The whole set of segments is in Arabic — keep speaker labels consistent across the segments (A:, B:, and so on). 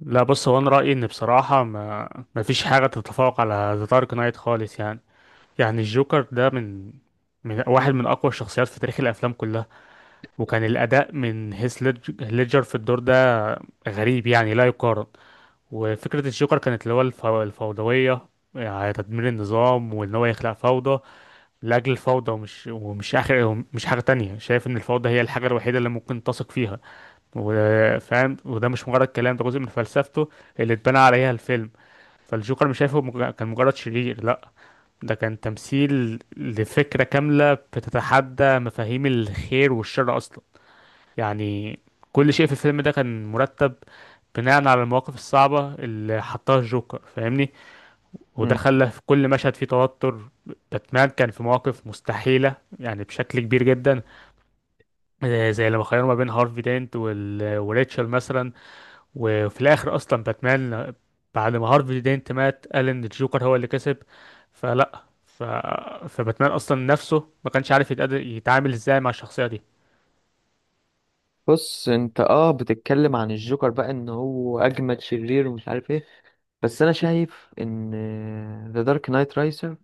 A: لا، بص. هو انا رايي، ان بصراحه ما فيش حاجه تتفوق على ذا دارك نايت خالص، يعني. يعني الجوكر ده من واحد من اقوى الشخصيات في تاريخ الافلام كلها. وكان الاداء من هيث ليدجر في الدور ده غريب، يعني لا يقارن. وفكره الجوكر كانت اللي هو الفوضويه، يعني تدمير النظام، وان هو يخلق فوضى لاجل الفوضى، ومش اخر، ومش حاجه تانية. شايف ان الفوضى هي الحاجه الوحيده اللي ممكن تثق فيها وفاهم. وده مش مجرد كلام، ده جزء من فلسفته اللي اتبنى عليها الفيلم. فالجوكر مش شايفه كان مجرد شرير، لا. ده كان تمثيل لفكرة كاملة بتتحدى مفاهيم الخير والشر أصلا، يعني. كل شيء في الفيلم ده كان مرتب بناء على المواقف الصعبة اللي حطها الجوكر، فاهمني. وده
B: مم.
A: خلى في كل مشهد فيه توتر. باتمان كان في مواقف مستحيلة، يعني بشكل كبير جدا. زي لما خيروا ما بين هارفي دينت وريتشل مثلا. وفي الاخر اصلا باتمان، بعد ما هارفي دينت مات، قال ان الجوكر هو اللي كسب. فلا، فباتمان اصلا نفسه ما كانش عارف يتعامل ازاي مع الشخصية دي.
B: بص انت بتتكلم عن الجوكر بقى ان هو اجمد شرير ومش عارف ايه، بس انا شايف ان ذا دارك نايت رايسر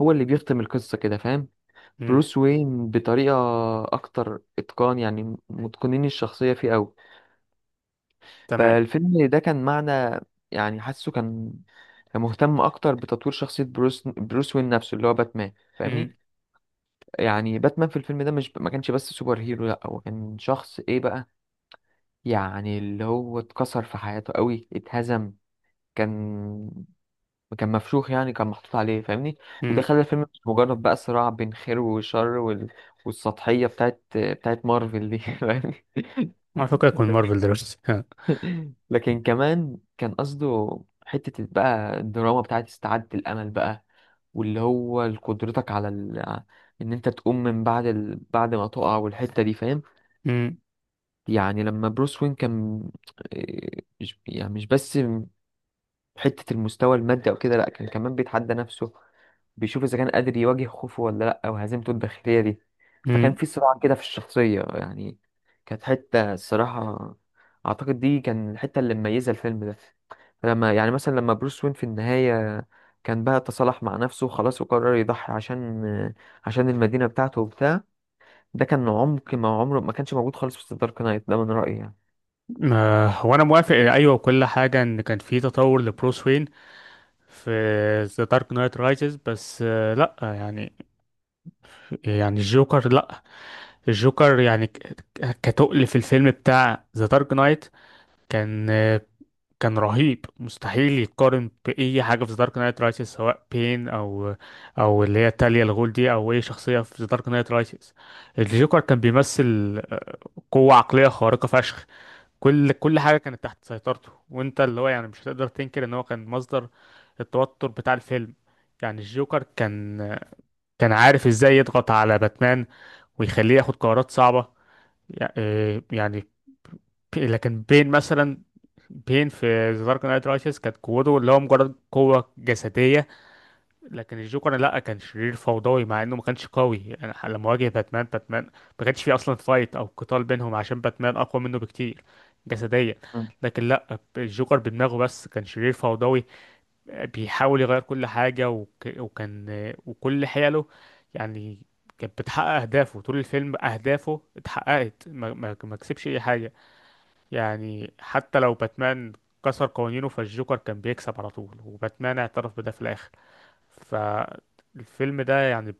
B: هو اللي بيختم القصة كده فاهم.
A: امم.
B: بروس وين بطريقة اكتر اتقان، يعني متقنين الشخصية فيه قوي.
A: تمام.
B: فالفيلم ده كان معنى، يعني حاسه كان كان مهتم اكتر بتطوير شخصية بروس وين نفسه اللي هو باتمان فاهمني.
A: امم.
B: يعني باتمان في الفيلم ده مش ما كانش بس سوبر هيرو، لا هو كان شخص ايه بقى، يعني اللي هو اتكسر في حياته قوي، اتهزم. كان كان مفشوخ يعني، كان محطوط عليه فاهمني. وده
A: امم.
B: خلى الفيلم مش مجرد بقى صراع بين خير وشر والسطحية بتاعت مارفل دي فاهمني.
A: على فكرة يكون مارفل دلوقتي، ها.
B: لكن كمان كان قصده حتة بقى الدراما بتاعت استعادة الأمل بقى، واللي هو قدرتك إن أنت تقوم من بعد ما تقع، والحتة دي فاهم.
A: امم.
B: يعني لما بروس وين كان، مش يعني مش بس حتة المستوى المادي أو كده، لأ كان كمان بيتحدى نفسه، بيشوف إذا كان قادر يواجه خوفه ولا لأ، أو هزيمته الداخلية دي. فكان
A: امم.
B: في صراع كده في الشخصية يعني. كانت حتة الصراحة أعتقد دي كان الحتة اللي مميزة الفيلم ده. لما يعني مثلا لما بروس وين في النهاية كان بقى تصالح مع نفسه وخلاص، وقرر يضحي عشان المدينة بتاعته وبتاع. ده كان عمق ما عمره ما كانش موجود خالص في دارك نايت ده من رأيي يعني.
A: آه، هو انا موافق، ايوه، وكل حاجة، ان كان في تطور لبروس وين في ذا دارك نايت رايزز. بس لا، يعني الجوكر، لا. الجوكر يعني كتقل في الفيلم بتاع ذا دارك نايت، كان كان رهيب. مستحيل يتقارن بأي حاجة في ذا دارك نايت رايسز، سواء بين، أو اللي هي تاليا الغول دي، أو أي شخصية في ذا دارك نايت رايسز. الجوكر كان بيمثل قوة عقلية خارقة فشخ. كل حاجة كانت تحت سيطرته، وأنت اللي هو، يعني، مش هتقدر تنكر إن هو كان مصدر التوتر بتاع الفيلم. يعني الجوكر كان عارف إزاي يضغط على باتمان ويخليه ياخد قرارات صعبة، يعني. لكن بين مثلا، بين في ذا دارك نايت رايسز كانت قوته اللي هو مجرد قوة جسدية. لكن الجوكر، لا، كان شرير فوضوي مع انه ما كانش قوي، يعني. لما واجه باتمان، باتمان ما كانش فيه اصلا فايت او قتال بينهم، عشان باتمان اقوى منه بكتير جسديا.
B: مم.
A: لكن لا، الجوكر بدماغه بس كان شرير فوضوي بيحاول يغير كل حاجة. وكان وكل حيله يعني كانت بتحقق أهدافه طول الفيلم. أهدافه اتحققت، ما كسبش أي حاجة، يعني. حتى لو باتمان كسر قوانينه، فالجوكر كان بيكسب على طول، وباتمان اعترف بده في الآخر. فالفيلم ده، يعني،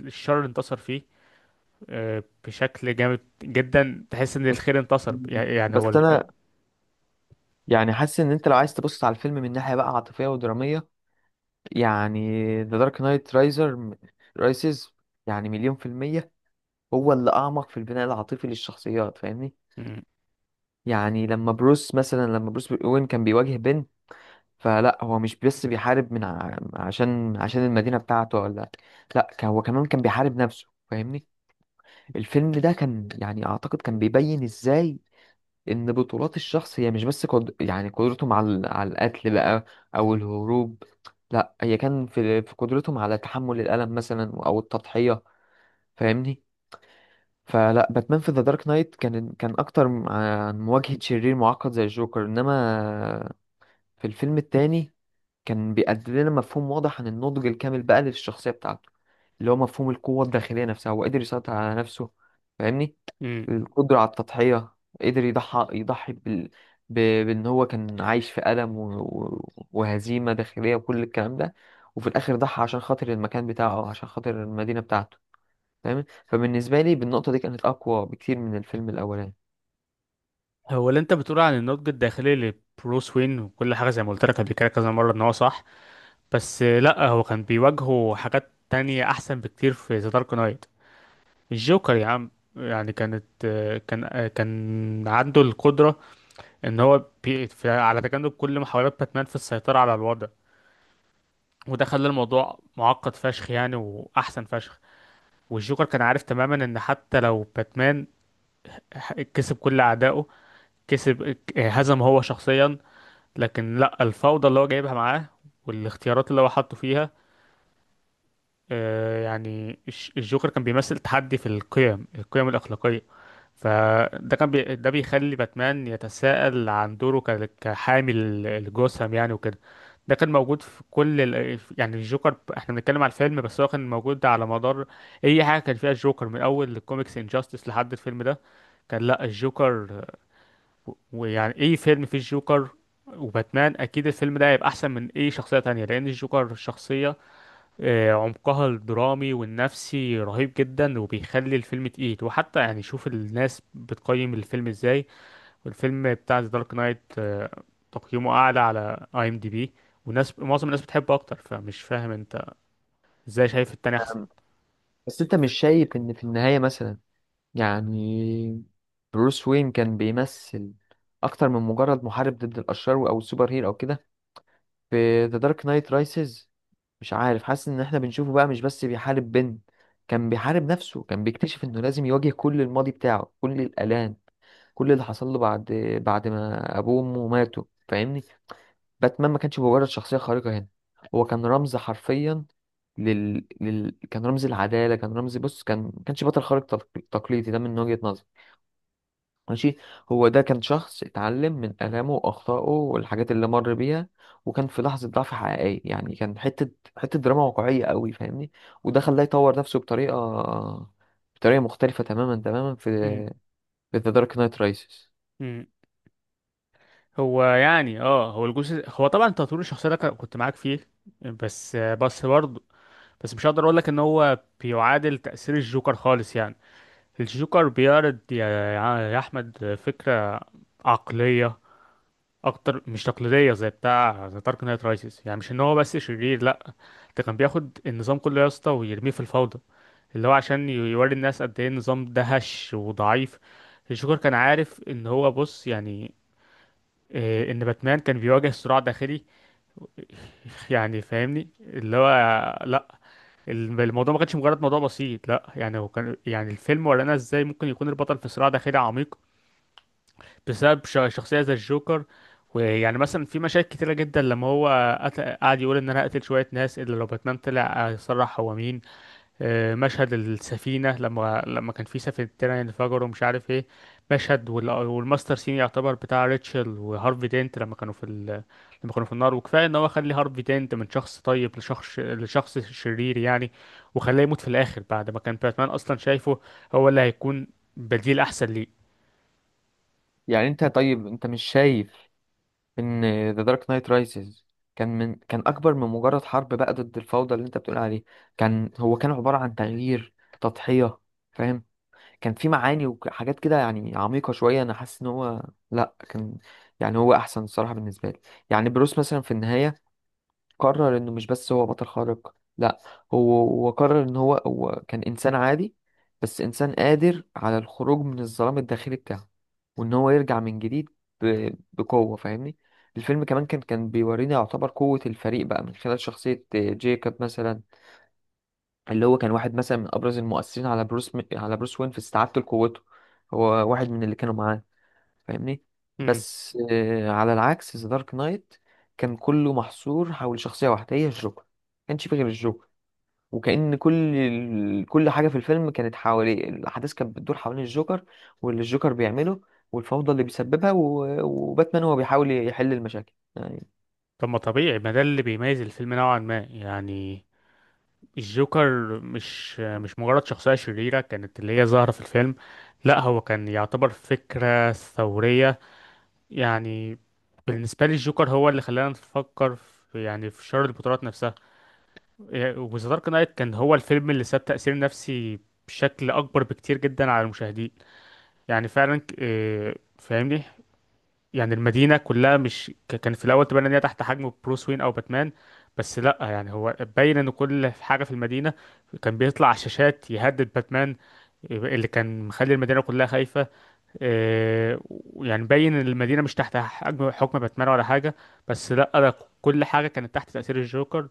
A: الشر انتصر فيه، بشكل جامد جدا. تحس ان
B: بس
A: الخير انتصر،
B: مم.
A: يعني
B: بس
A: هو.
B: أنا يعني حاسس ان انت لو عايز تبص على الفيلم من ناحيه بقى عاطفيه ودراميه، يعني ذا دارك نايت رايسز يعني مليون في الميه هو اللي اعمق في البناء العاطفي للشخصيات فاهمني.
A: مم.
B: يعني لما بروس مثلا، لما بروس وين كان بيواجه بن، فلا هو مش بس بيحارب عشان المدينه بتاعته، ولا لا هو كمان كان بيحارب نفسه فاهمني. الفيلم ده كان يعني اعتقد كان بيبين ازاي ان بطولات الشخص هي مش بس يعني قدرتهم على القتل بقى او الهروب، لا هي كان في قدرتهم على تحمل الالم مثلا او التضحيه فاهمني. فلا باتمان في ذا دارك نايت كان اكتر عن مواجهه شرير معقد زي الجوكر، انما في الفيلم التاني كان بيقدم لنا مفهوم واضح عن النضج الكامل بقى للشخصية بتاعته، اللي هو مفهوم القوة الداخلية نفسها، هو قدر يسيطر على نفسه فاهمني.
A: مم.
B: القدرة على التضحية، قدر يضحي ب... بأن هو كان عايش في ألم وهزيمة داخلية وكل الكلام ده. وفي الآخر ضحى عشان خاطر المكان بتاعه أو عشان خاطر المدينة بتاعته فاهم. فبالنسبة لي بالنقطة دي كانت أقوى بكتير من الفيلم الأولاني.
A: هو اللي انت بتقول عن النضج الداخلي لبروس وين وكل حاجة، زي ما قلت لك قبل كده كذا مرة، ان هو صح. بس لا، هو كان بيواجهه حاجات تانية احسن بكتير في ذا دارك نايت. الجوكر، يا عم، يعني كانت آه، كان آه، كان عنده القدرة ان هو على تجنب كل محاولات باتمان في السيطرة على الوضع. وده خلى الموضوع معقد فشخ، يعني، واحسن فشخ. والجوكر كان عارف تماما ان حتى لو باتمان كسب كل اعدائه، كسب آه، هزم هو شخصيا، لكن لا، الفوضى اللي هو جايبها معاه والاختيارات اللي هو حاطه فيها، يعني. الجوكر كان بيمثل تحدي في القيم الأخلاقية. ده بيخلي باتمان يتساءل عن دوره، كحامي الجثم، يعني، وكده. ده كان موجود في كل يعني الجوكر، احنا بنتكلم على الفيلم بس هو كان موجود على مدار اي حاجة كان فيها الجوكر، من اول الكوميكس، انجاستس، لحد الفيلم ده. كان لا الجوكر، ويعني اي فيلم فيه الجوكر وباتمان، اكيد الفيلم ده هيبقى احسن من اي شخصية تانية، لان الجوكر شخصية عمقها الدرامي والنفسي رهيب جدا، وبيخلي الفيلم تقيل. وحتى، يعني، شوف الناس بتقيم الفيلم ازاي، والفيلم بتاع ذا دارك نايت تقييمه اعلى على IMDb، وناس، معظم الناس بتحبه اكتر. فمش فاهم انت ازاي شايف التاني احسن.
B: أم، بس أنت مش شايف إن في النهاية مثلا يعني بروس وين كان بيمثل اكتر من مجرد محارب ضد الاشرار او السوبر هيرو او كده. في ذا دارك نايت رايسز، مش عارف، حاسس ان احنا بنشوفه بقى مش بس بيحارب بين، كان بيحارب نفسه، كان بيكتشف انه لازم يواجه كل الماضي بتاعه، كل الالام، كل اللي حصل له بعد ما ابوه وامه ماتوا فاهمني. باتمان ما كانش مجرد شخصية خارقة هنا، هو كان رمز حرفيا، كان رمز العدالة، كان رمز، بص كان ما كانش بطل خارق تقليدي ده من وجهة نظري. ماشي، هو ده كان شخص اتعلم من آلامه وأخطائه والحاجات اللي مر بيها، وكان في لحظة ضعف حقيقية يعني، كان حتة حتة دراما واقعية قوي فاهمني. وده خلاه يطور نفسه بطريقة مختلفة تماما في
A: مم.
B: في ذا دارك نايت رايسز.
A: مم. هو يعني، هو الجزء، هو طبعا تطوير الشخصيه ده كنت معاك فيه. بس برضه، بس مش هقدر اقول لك ان هو بيعادل تاثير الجوكر خالص، يعني. الجوكر بيعرض، يا احمد، فكره عقلية أكتر مش تقليدية زي بتاع ذا دارك نايت رايسز. يعني مش إن هو بس شرير، لأ. ده كان بياخد النظام كله، يا اسطى، ويرميه في الفوضى، اللي هو عشان يوري الناس قد إيه النظام ده هش وضعيف. الجوكر كان عارف إن هو، بص، يعني، إن باتمان كان بيواجه صراع داخلي. يعني فاهمني، اللي هو، لأ، الموضوع ما كانش مجرد موضوع بسيط، لأ. يعني هو كان، يعني، الفيلم ورانا إزاي ممكن يكون البطل في صراع داخلي عميق بسبب شخصية زي الجوكر. ويعني مثلا في مشاهد كتيرة جدا لما هو قعد يقول ان انا هقتل شوية ناس الا لو باتمان طلع يصرح هو مين. مشهد السفينة، لما كان في سفينة انفجروا ومش عارف ايه. مشهد والماستر سين، يعتبر بتاع ريتشل وهارفي دينت، لما كانوا في النار. وكفاية ان هو خلي هارفي دينت من شخص طيب، لشخص شرير، يعني. وخلاه يموت في الاخر، بعد ما كان باتمان اصلا شايفه هو اللي هيكون بديل احسن ليه.
B: يعني انت، طيب انت مش شايف ان ذا دارك نايت رايسز كان كان اكبر من مجرد حرب بقى ضد الفوضى اللي انت بتقول عليه؟ كان هو كان عبارة عن تغيير، تضحية فاهم. كان في معاني وحاجات كده يعني عميقة شوية، أنا حاسس إن هو لأ كان، يعني هو أحسن الصراحة بالنسبة لي. يعني بروس مثلا في النهاية قرر إنه مش بس هو بطل خارق، لأ، هو قرر إن هو كان إنسان عادي، بس إنسان قادر على الخروج من الظلام الداخلي بتاعه، وإن هو يرجع من جديد بقوة فاهمني. الفيلم كمان كان كان بيورينا يعتبر قوة الفريق بقى من خلال شخصية جيكوب مثلا، اللي هو كان واحد مثلا من ابرز المؤثرين على على بروس وين في استعادته لقوته، هو واحد من اللي كانوا معاه فاهمني. بس آه على العكس ذا دارك نايت كان كله محصور حول شخصية واحدة هي الجوكر، ما كانش فيه غير الجوكر، وكأن كل حاجة في الفيلم كانت حواليه، الأحداث كانت بتدور حوالين الجوكر واللي الجوكر بيعمله والفوضى اللي بيسببها وباتمان هو بيحاول يحل المشاكل يعني.
A: طب ما طبيعي، ما ده اللي بيميز الفيلم نوعا ما، يعني. الجوكر مش مجرد شخصية شريرة كانت اللي هي ظاهرة في الفيلم. لا، هو كان يعتبر فكرة ثورية، يعني. بالنسبة لي، الجوكر هو اللي خلانا نفكر في، يعني، في شر البطولات نفسها. إيه، وذا دارك نايت كان هو الفيلم اللي ساب تأثير نفسي بشكل أكبر بكتير جدا على المشاهدين. يعني فعلا، إيه، فاهمني. يعني المدينة كلها، مش كان في الأول تبان إن هي تحت حجم بروس وين أو باتمان. بس لأ، يعني هو باين إن كل حاجة في المدينة كان بيطلع على الشاشات يهدد باتمان، اللي كان مخلي المدينة كلها خايفة. إيه، يعني باين إن المدينة مش تحت حجم، حكم باتمان ولا حاجة. بس لأ، ده كل حاجة كانت تحت تأثير الجوكر،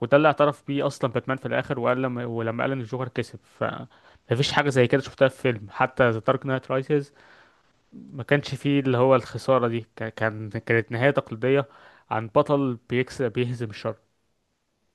A: وده اللي اعترف بيه أصلا باتمان في الآخر، وقال، ولما قال إن الجوكر كسب. مفيش حاجة زي كده شفتها في فيلم، حتى ذا دارك نايت رايسز ما كانش فيه اللي هو الخسارة دي. كانت نهاية تقليدية عن بطل بيهزم الشر.